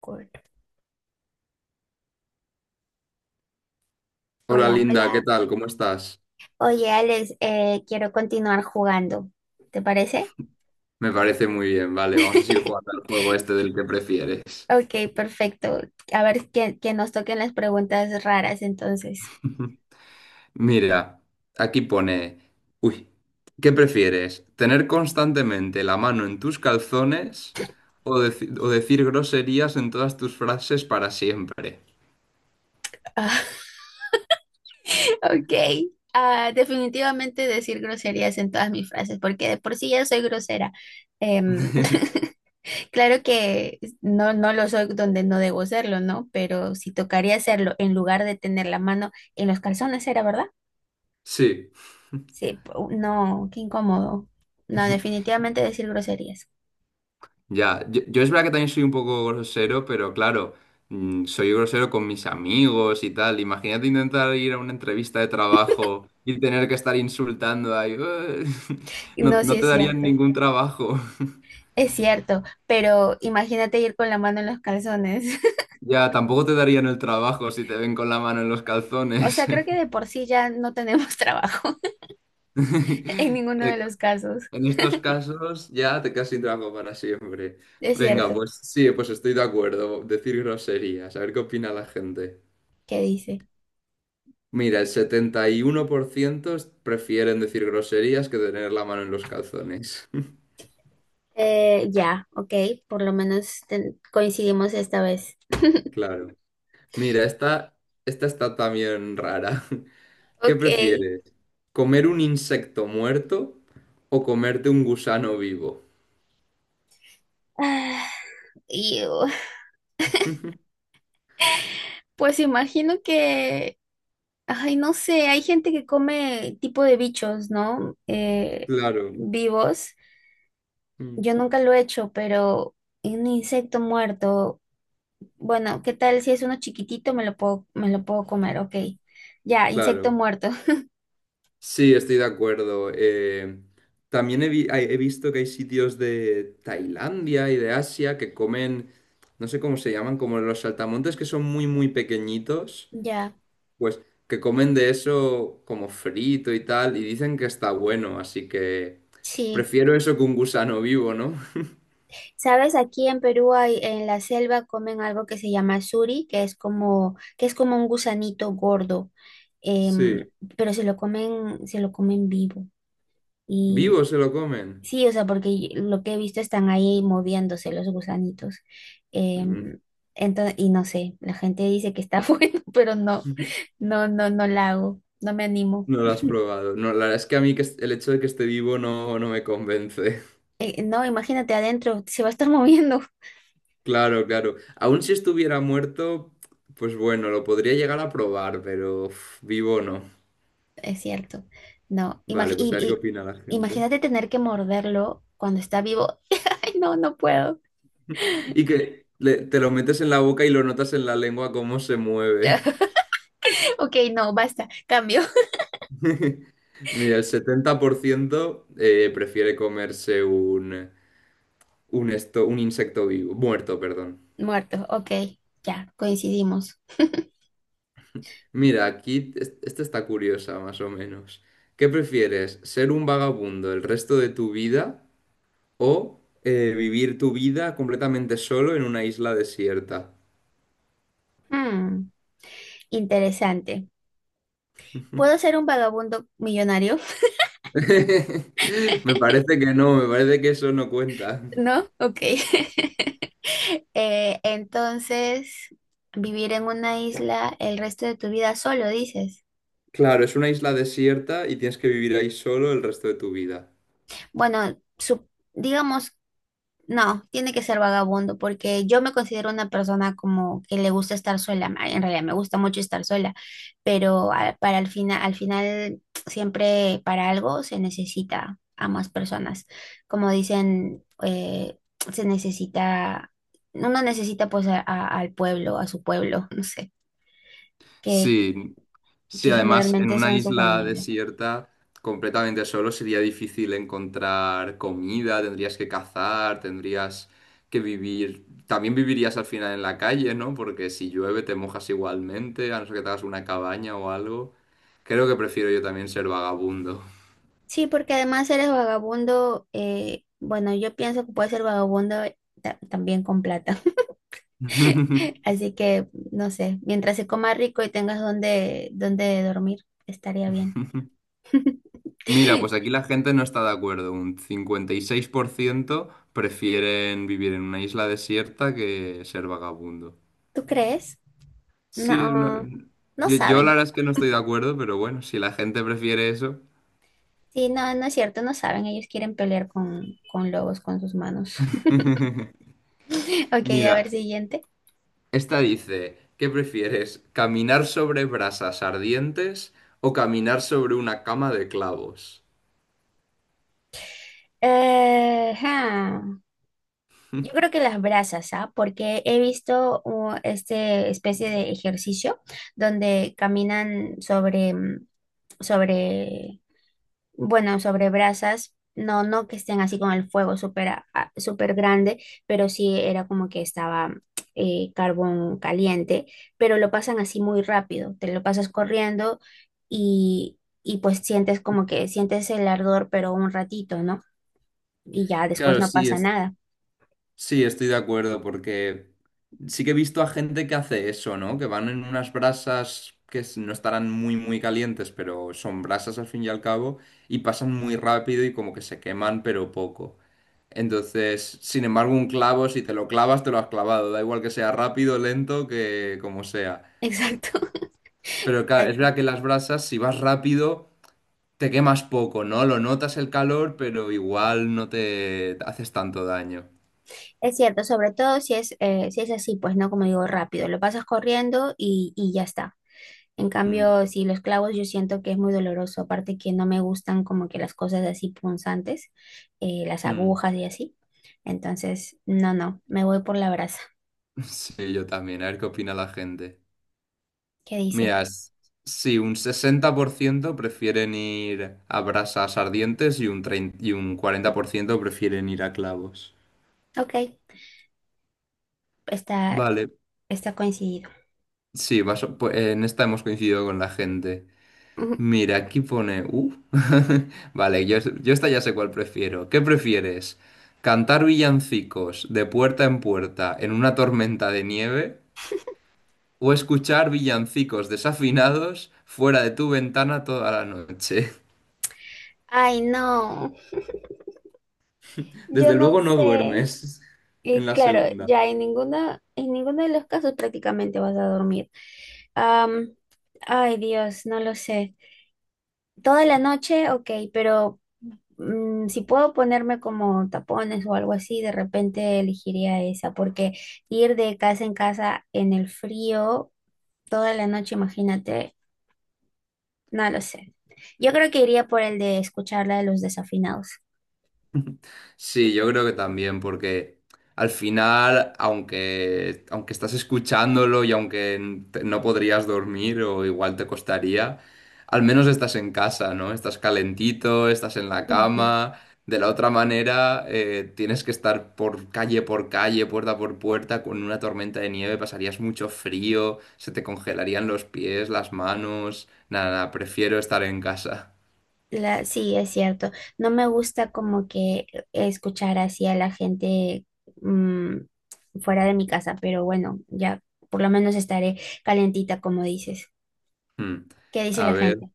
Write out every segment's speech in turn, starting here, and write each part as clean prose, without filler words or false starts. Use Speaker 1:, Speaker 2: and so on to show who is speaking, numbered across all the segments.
Speaker 1: Cool.
Speaker 2: Hola
Speaker 1: Hola,
Speaker 2: Linda, ¿qué
Speaker 1: hola.
Speaker 2: tal? ¿Cómo estás?
Speaker 1: Oye, Alex, quiero continuar jugando. ¿Te parece?
Speaker 2: Me parece muy bien, vale, vamos a seguir jugando al juego este del que prefieres.
Speaker 1: Ok, perfecto. A ver, que nos toquen las preguntas raras entonces.
Speaker 2: Mira, aquí pone, uy, ¿qué prefieres? ¿Tener constantemente la mano en tus calzones o, decir groserías en todas tus frases para siempre?
Speaker 1: Ok. Ah, definitivamente decir groserías en todas mis frases, porque de por sí ya soy grosera. Em, claro que no, no lo soy donde no debo serlo, ¿no? Pero si tocaría hacerlo en lugar de tener la mano en los calzones, ¿era verdad?
Speaker 2: Sí.
Speaker 1: Sí, no, qué incómodo. No, definitivamente decir groserías.
Speaker 2: Ya, yo es verdad que también soy un poco grosero, pero claro, soy grosero con mis amigos y tal. Imagínate intentar ir a una entrevista de trabajo y tener que estar insultando ahí. No,
Speaker 1: No, sí
Speaker 2: no te
Speaker 1: es
Speaker 2: darían
Speaker 1: cierto.
Speaker 2: ningún trabajo.
Speaker 1: Es cierto, pero imagínate ir con la mano en los calzones.
Speaker 2: Ya, tampoco te darían el trabajo si te ven con la mano en los
Speaker 1: O
Speaker 2: calzones.
Speaker 1: sea, creo que de por sí ya no tenemos trabajo en ninguno
Speaker 2: Eh,
Speaker 1: de los casos.
Speaker 2: En estos casos ya te quedas sin trabajo para siempre.
Speaker 1: Es
Speaker 2: Venga,
Speaker 1: cierto.
Speaker 2: pues sí, pues estoy de acuerdo. Decir groserías, a ver qué opina la gente.
Speaker 1: ¿Qué dice?
Speaker 2: Mira, el 71% prefieren decir groserías que tener la mano en los calzones.
Speaker 1: Ya, ok, por lo menos coincidimos esta vez.
Speaker 2: Claro. Mira, esta está también rara. ¿Qué
Speaker 1: Ok.
Speaker 2: prefieres? ¿Comer un insecto muerto o comerte un gusano vivo?
Speaker 1: Ah, y, uh, pues imagino que, ay, no sé, hay gente que come tipo de bichos, ¿no?
Speaker 2: Claro,
Speaker 1: Vivos.
Speaker 2: mm,
Speaker 1: Yo nunca lo he hecho, pero un insecto muerto, bueno, ¿qué tal si es uno chiquitito? Me lo puedo comer, ok. Ya, insecto
Speaker 2: claro.
Speaker 1: muerto.
Speaker 2: Sí, estoy de acuerdo. También he visto que hay sitios de Tailandia y de Asia que comen, no sé cómo se llaman, como los saltamontes que son muy, muy pequeñitos.
Speaker 1: Ya,
Speaker 2: Pues que comen de eso como frito y tal, y dicen que está bueno, así que
Speaker 1: sí.
Speaker 2: prefiero eso que un gusano vivo, ¿no?
Speaker 1: Sabes, aquí en Perú hay, en la selva comen algo que se llama suri, que es como un gusanito gordo, em,
Speaker 2: Sí.
Speaker 1: pero se lo comen vivo.
Speaker 2: ¿Vivo se lo comen?
Speaker 1: Sí, o sea, porque lo que he visto están ahí moviéndose los gusanitos.
Speaker 2: Mm.
Speaker 1: Em, y no sé, la gente dice que está bueno, pero no, no, no, no la hago, no me animo.
Speaker 2: No lo has probado. No, la verdad es que a mí que el hecho de que esté vivo no, no me convence.
Speaker 1: No, imagínate adentro, se va a estar moviendo.
Speaker 2: Claro, claro. Aún si estuviera muerto, pues bueno, lo podría llegar a probar, pero uf, vivo no.
Speaker 1: Es cierto. No, imag-
Speaker 2: Vale, pues
Speaker 1: y-
Speaker 2: a ver qué opina la
Speaker 1: y-
Speaker 2: gente.
Speaker 1: imagínate tener que morderlo cuando está vivo. Ay, no, no puedo.
Speaker 2: Y que te lo metes en la boca y lo notas en la lengua cómo se mueve.
Speaker 1: Ok, no, basta, cambio.
Speaker 2: Mira, el 70% prefiere comerse un insecto vivo, muerto, perdón.
Speaker 1: Muerto, ok, ya, coincidimos.
Speaker 2: Mira, aquí esta está curiosa, más o menos. ¿Qué prefieres? ¿Ser un vagabundo el resto de tu vida o vivir tu vida completamente solo en una isla desierta?
Speaker 1: Hmm, interesante. ¿Puedo ser un vagabundo millonario?
Speaker 2: Me parece que no, me parece que eso no cuenta.
Speaker 1: ¿No? Ok. Entonces, vivir en una isla el resto de tu vida solo, dices.
Speaker 2: Claro, es una isla desierta y tienes que vivir ahí solo el resto de tu vida.
Speaker 1: Bueno, digamos, no, tiene que ser vagabundo, porque yo me considero una persona como que le gusta estar sola. En realidad me gusta mucho estar sola, pero para al final siempre para algo se necesita a más personas. Como dicen, se necesita, uno necesita pues al pueblo, a su pueblo, no sé. que,
Speaker 2: Sí, sí,
Speaker 1: que
Speaker 2: además en
Speaker 1: generalmente
Speaker 2: una
Speaker 1: son su
Speaker 2: isla
Speaker 1: familia.
Speaker 2: desierta completamente solo sería difícil encontrar comida, tendrías que cazar, tendrías que vivir, también vivirías al final en la calle, ¿no? Porque si llueve te mojas igualmente, a no ser que te hagas una cabaña o algo. Creo que prefiero yo también ser vagabundo.
Speaker 1: Sí, porque además eres vagabundo, bueno, yo pienso que puedes ser vagabundo también con plata. Así que, no sé, mientras se coma rico y tengas donde dormir, estaría bien.
Speaker 2: Mira, pues aquí la gente no está de acuerdo. Un 56% prefieren vivir en una isla desierta que ser vagabundo.
Speaker 1: ¿Tú crees?
Speaker 2: Sí, es
Speaker 1: No, no
Speaker 2: yo la
Speaker 1: saben.
Speaker 2: verdad es que no estoy de acuerdo, pero bueno, si la gente prefiere eso.
Speaker 1: Sí, no, no es cierto, no saben. Ellos quieren pelear con lobos con sus manos. Ok, a
Speaker 2: Mira,
Speaker 1: ver, siguiente.
Speaker 2: esta dice, ¿qué prefieres? ¿Caminar sobre brasas ardientes o caminar sobre una cama de clavos?
Speaker 1: Ja. Yo creo que las brasas, ¿ah? Porque he visto este especie de ejercicio donde caminan sobre, sobre, bueno, sobre brasas. No, no que estén así con el fuego súper súper grande, pero sí era como que estaba carbón caliente, pero lo pasan así muy rápido. Te lo pasas corriendo y pues sientes como que sientes el ardor, pero un ratito, ¿no? Y ya después
Speaker 2: Claro,
Speaker 1: no
Speaker 2: sí,
Speaker 1: pasa nada.
Speaker 2: sí, estoy de acuerdo, porque sí que he visto a gente que hace eso, ¿no? Que van en unas brasas que no estarán muy, muy calientes, pero son brasas al fin y al cabo, y pasan muy rápido y como que se queman, pero poco. Entonces, sin embargo, un clavo, si te lo clavas, te lo has clavado. Da igual que sea rápido, lento, que como sea.
Speaker 1: Exacto.
Speaker 2: Pero claro, es
Speaker 1: Exacto.
Speaker 2: verdad que las brasas, si vas rápido, te quemas poco, ¿no? Lo notas el calor, pero igual no te haces tanto daño.
Speaker 1: Es cierto, sobre todo si es, si es así, pues no, como digo, rápido, lo pasas corriendo y ya está. En
Speaker 2: Mm,
Speaker 1: cambio, si los clavos yo siento que es muy doloroso, aparte que no me gustan como que las cosas así punzantes, las
Speaker 2: mm.
Speaker 1: agujas y así. Entonces, no, me voy por la brasa.
Speaker 2: Sí, yo también. A ver qué opina la gente.
Speaker 1: ¿Qué dice?
Speaker 2: Mira, sí, un 60% prefieren ir a brasas ardientes y un 30 y un 40% prefieren ir a clavos.
Speaker 1: Ok, está,
Speaker 2: Vale,
Speaker 1: está coincidido.
Speaker 2: sí, pues, en esta hemos coincidido con la gente. Mira, aquí pone.... Vale, yo esta ya sé cuál prefiero. ¿Qué prefieres? ¿Cantar villancicos de puerta en puerta en una tormenta de nieve o escuchar villancicos desafinados fuera de tu ventana toda la noche?
Speaker 1: Ay, no, yo
Speaker 2: Desde
Speaker 1: no
Speaker 2: luego no
Speaker 1: sé.
Speaker 2: duermes en
Speaker 1: Y
Speaker 2: la
Speaker 1: claro,
Speaker 2: segunda.
Speaker 1: ya en ninguna, en ninguno de los casos prácticamente vas a dormir. Am, Ay, Dios, no lo sé. Toda la noche, ok, pero mm, si puedo ponerme como tapones o algo así, de repente elegiría esa, porque ir de casa en casa en el frío toda la noche, imagínate, no lo sé. Yo creo que iría por el de escuchar la de los desafinados.
Speaker 2: Sí, yo creo que también, porque al final, aunque estás escuchándolo y aunque no podrías dormir o igual te costaría, al menos estás en casa, ¿no? Estás calentito, estás en la
Speaker 1: Ujú.
Speaker 2: cama. De la otra manera, tienes que estar por calle, puerta por puerta, con una tormenta de nieve, pasarías mucho frío, se te congelarían los pies, las manos. Nada, nada, prefiero estar en casa.
Speaker 1: La, sí, es cierto. No me gusta como que escuchar así a la gente mm, fuera de mi casa, pero bueno, ya por lo menos estaré calentita, como dices.
Speaker 2: Hmm.
Speaker 1: ¿Qué dice
Speaker 2: A
Speaker 1: la
Speaker 2: ver.
Speaker 1: gente?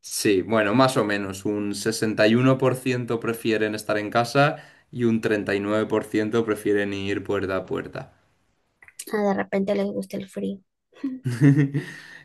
Speaker 2: Sí, bueno, más o menos. Un 61% prefieren estar en casa y un 39% prefieren ir puerta a puerta.
Speaker 1: Ah, de repente les gusta el frío.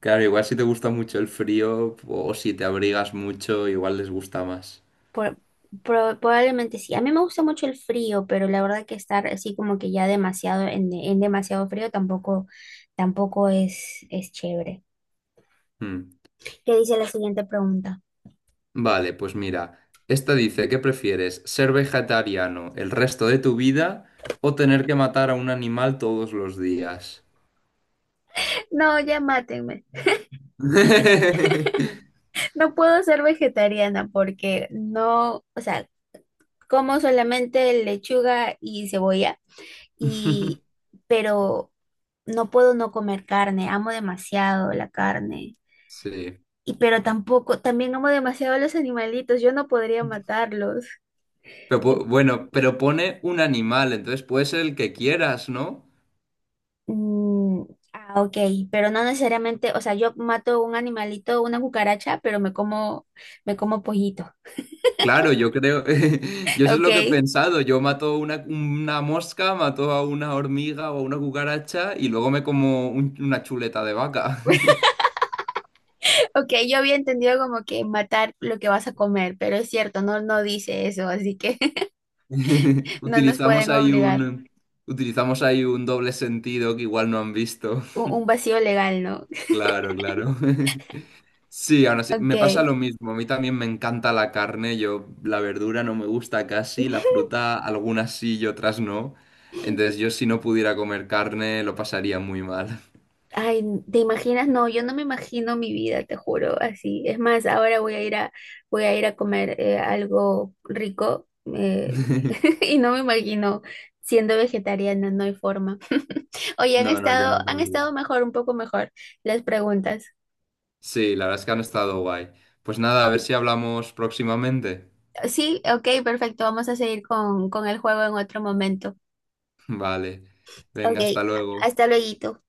Speaker 2: Claro, igual si te gusta mucho el frío o si te abrigas mucho, igual les gusta más.
Speaker 1: Por- Probablemente sí. A mí me gusta mucho el frío, pero la verdad que estar así como que ya demasiado en demasiado frío tampoco, tampoco es, es chévere.
Speaker 2: Mm.
Speaker 1: ¿Qué dice la siguiente pregunta?
Speaker 2: Vale, pues mira, esta dice, ¿qué prefieres? ¿Ser vegetariano el resto de tu vida o tener que matar a un animal todos los días?
Speaker 1: No, ya mátenme. No puedo ser vegetariana porque no, o sea, como solamente lechuga y cebolla y, pero no puedo no comer carne, amo demasiado la carne.
Speaker 2: Sí.
Speaker 1: Y pero tampoco, también amo demasiado a los animalitos, yo no podría matarlos.
Speaker 2: Pero,
Speaker 1: Y,
Speaker 2: bueno, pero pone un animal, entonces puede ser el que quieras, ¿no?
Speaker 1: mm, ok, pero no necesariamente, o sea, yo mato un animalito, una cucaracha, pero me como pollito.
Speaker 2: Claro, yo creo, yo eso es lo que he
Speaker 1: Ok.
Speaker 2: pensado, yo mato una mosca, mato a una hormiga o a una cucaracha y luego me como una chuleta de vaca.
Speaker 1: Ok, yo había entendido como que matar lo que vas a comer, pero es cierto, no, no dice eso, así que no nos
Speaker 2: Utilizamos
Speaker 1: pueden
Speaker 2: ahí
Speaker 1: obligar.
Speaker 2: un, utilizamos ahí un doble sentido que igual no han visto.
Speaker 1: Un, un vacío legal, ¿no?
Speaker 2: Claro, claro. Sí, ahora sí,
Speaker 1: Ok.
Speaker 2: me pasa lo mismo. A mí también me encanta la carne. Yo la verdura no me gusta casi, la fruta algunas sí y otras no. Entonces yo si no pudiera comer carne lo pasaría muy mal.
Speaker 1: Ay, ¿te imaginas? No, yo no me imagino mi vida, te juro, así. Es más, ahora voy a ir a, voy a ir a comer algo rico eh, y no me imagino siendo vegetariana, no hay forma. Oye,
Speaker 2: No, no, yo no
Speaker 1: han
Speaker 2: podría.
Speaker 1: estado mejor, un poco mejor las preguntas.
Speaker 2: Sí, la verdad es que han estado guay. Pues nada, a ver si hablamos próximamente.
Speaker 1: Sí, ok, perfecto. Vamos a seguir con el juego en otro momento.
Speaker 2: Vale. Venga,
Speaker 1: Ok,
Speaker 2: hasta luego.
Speaker 1: hasta luego.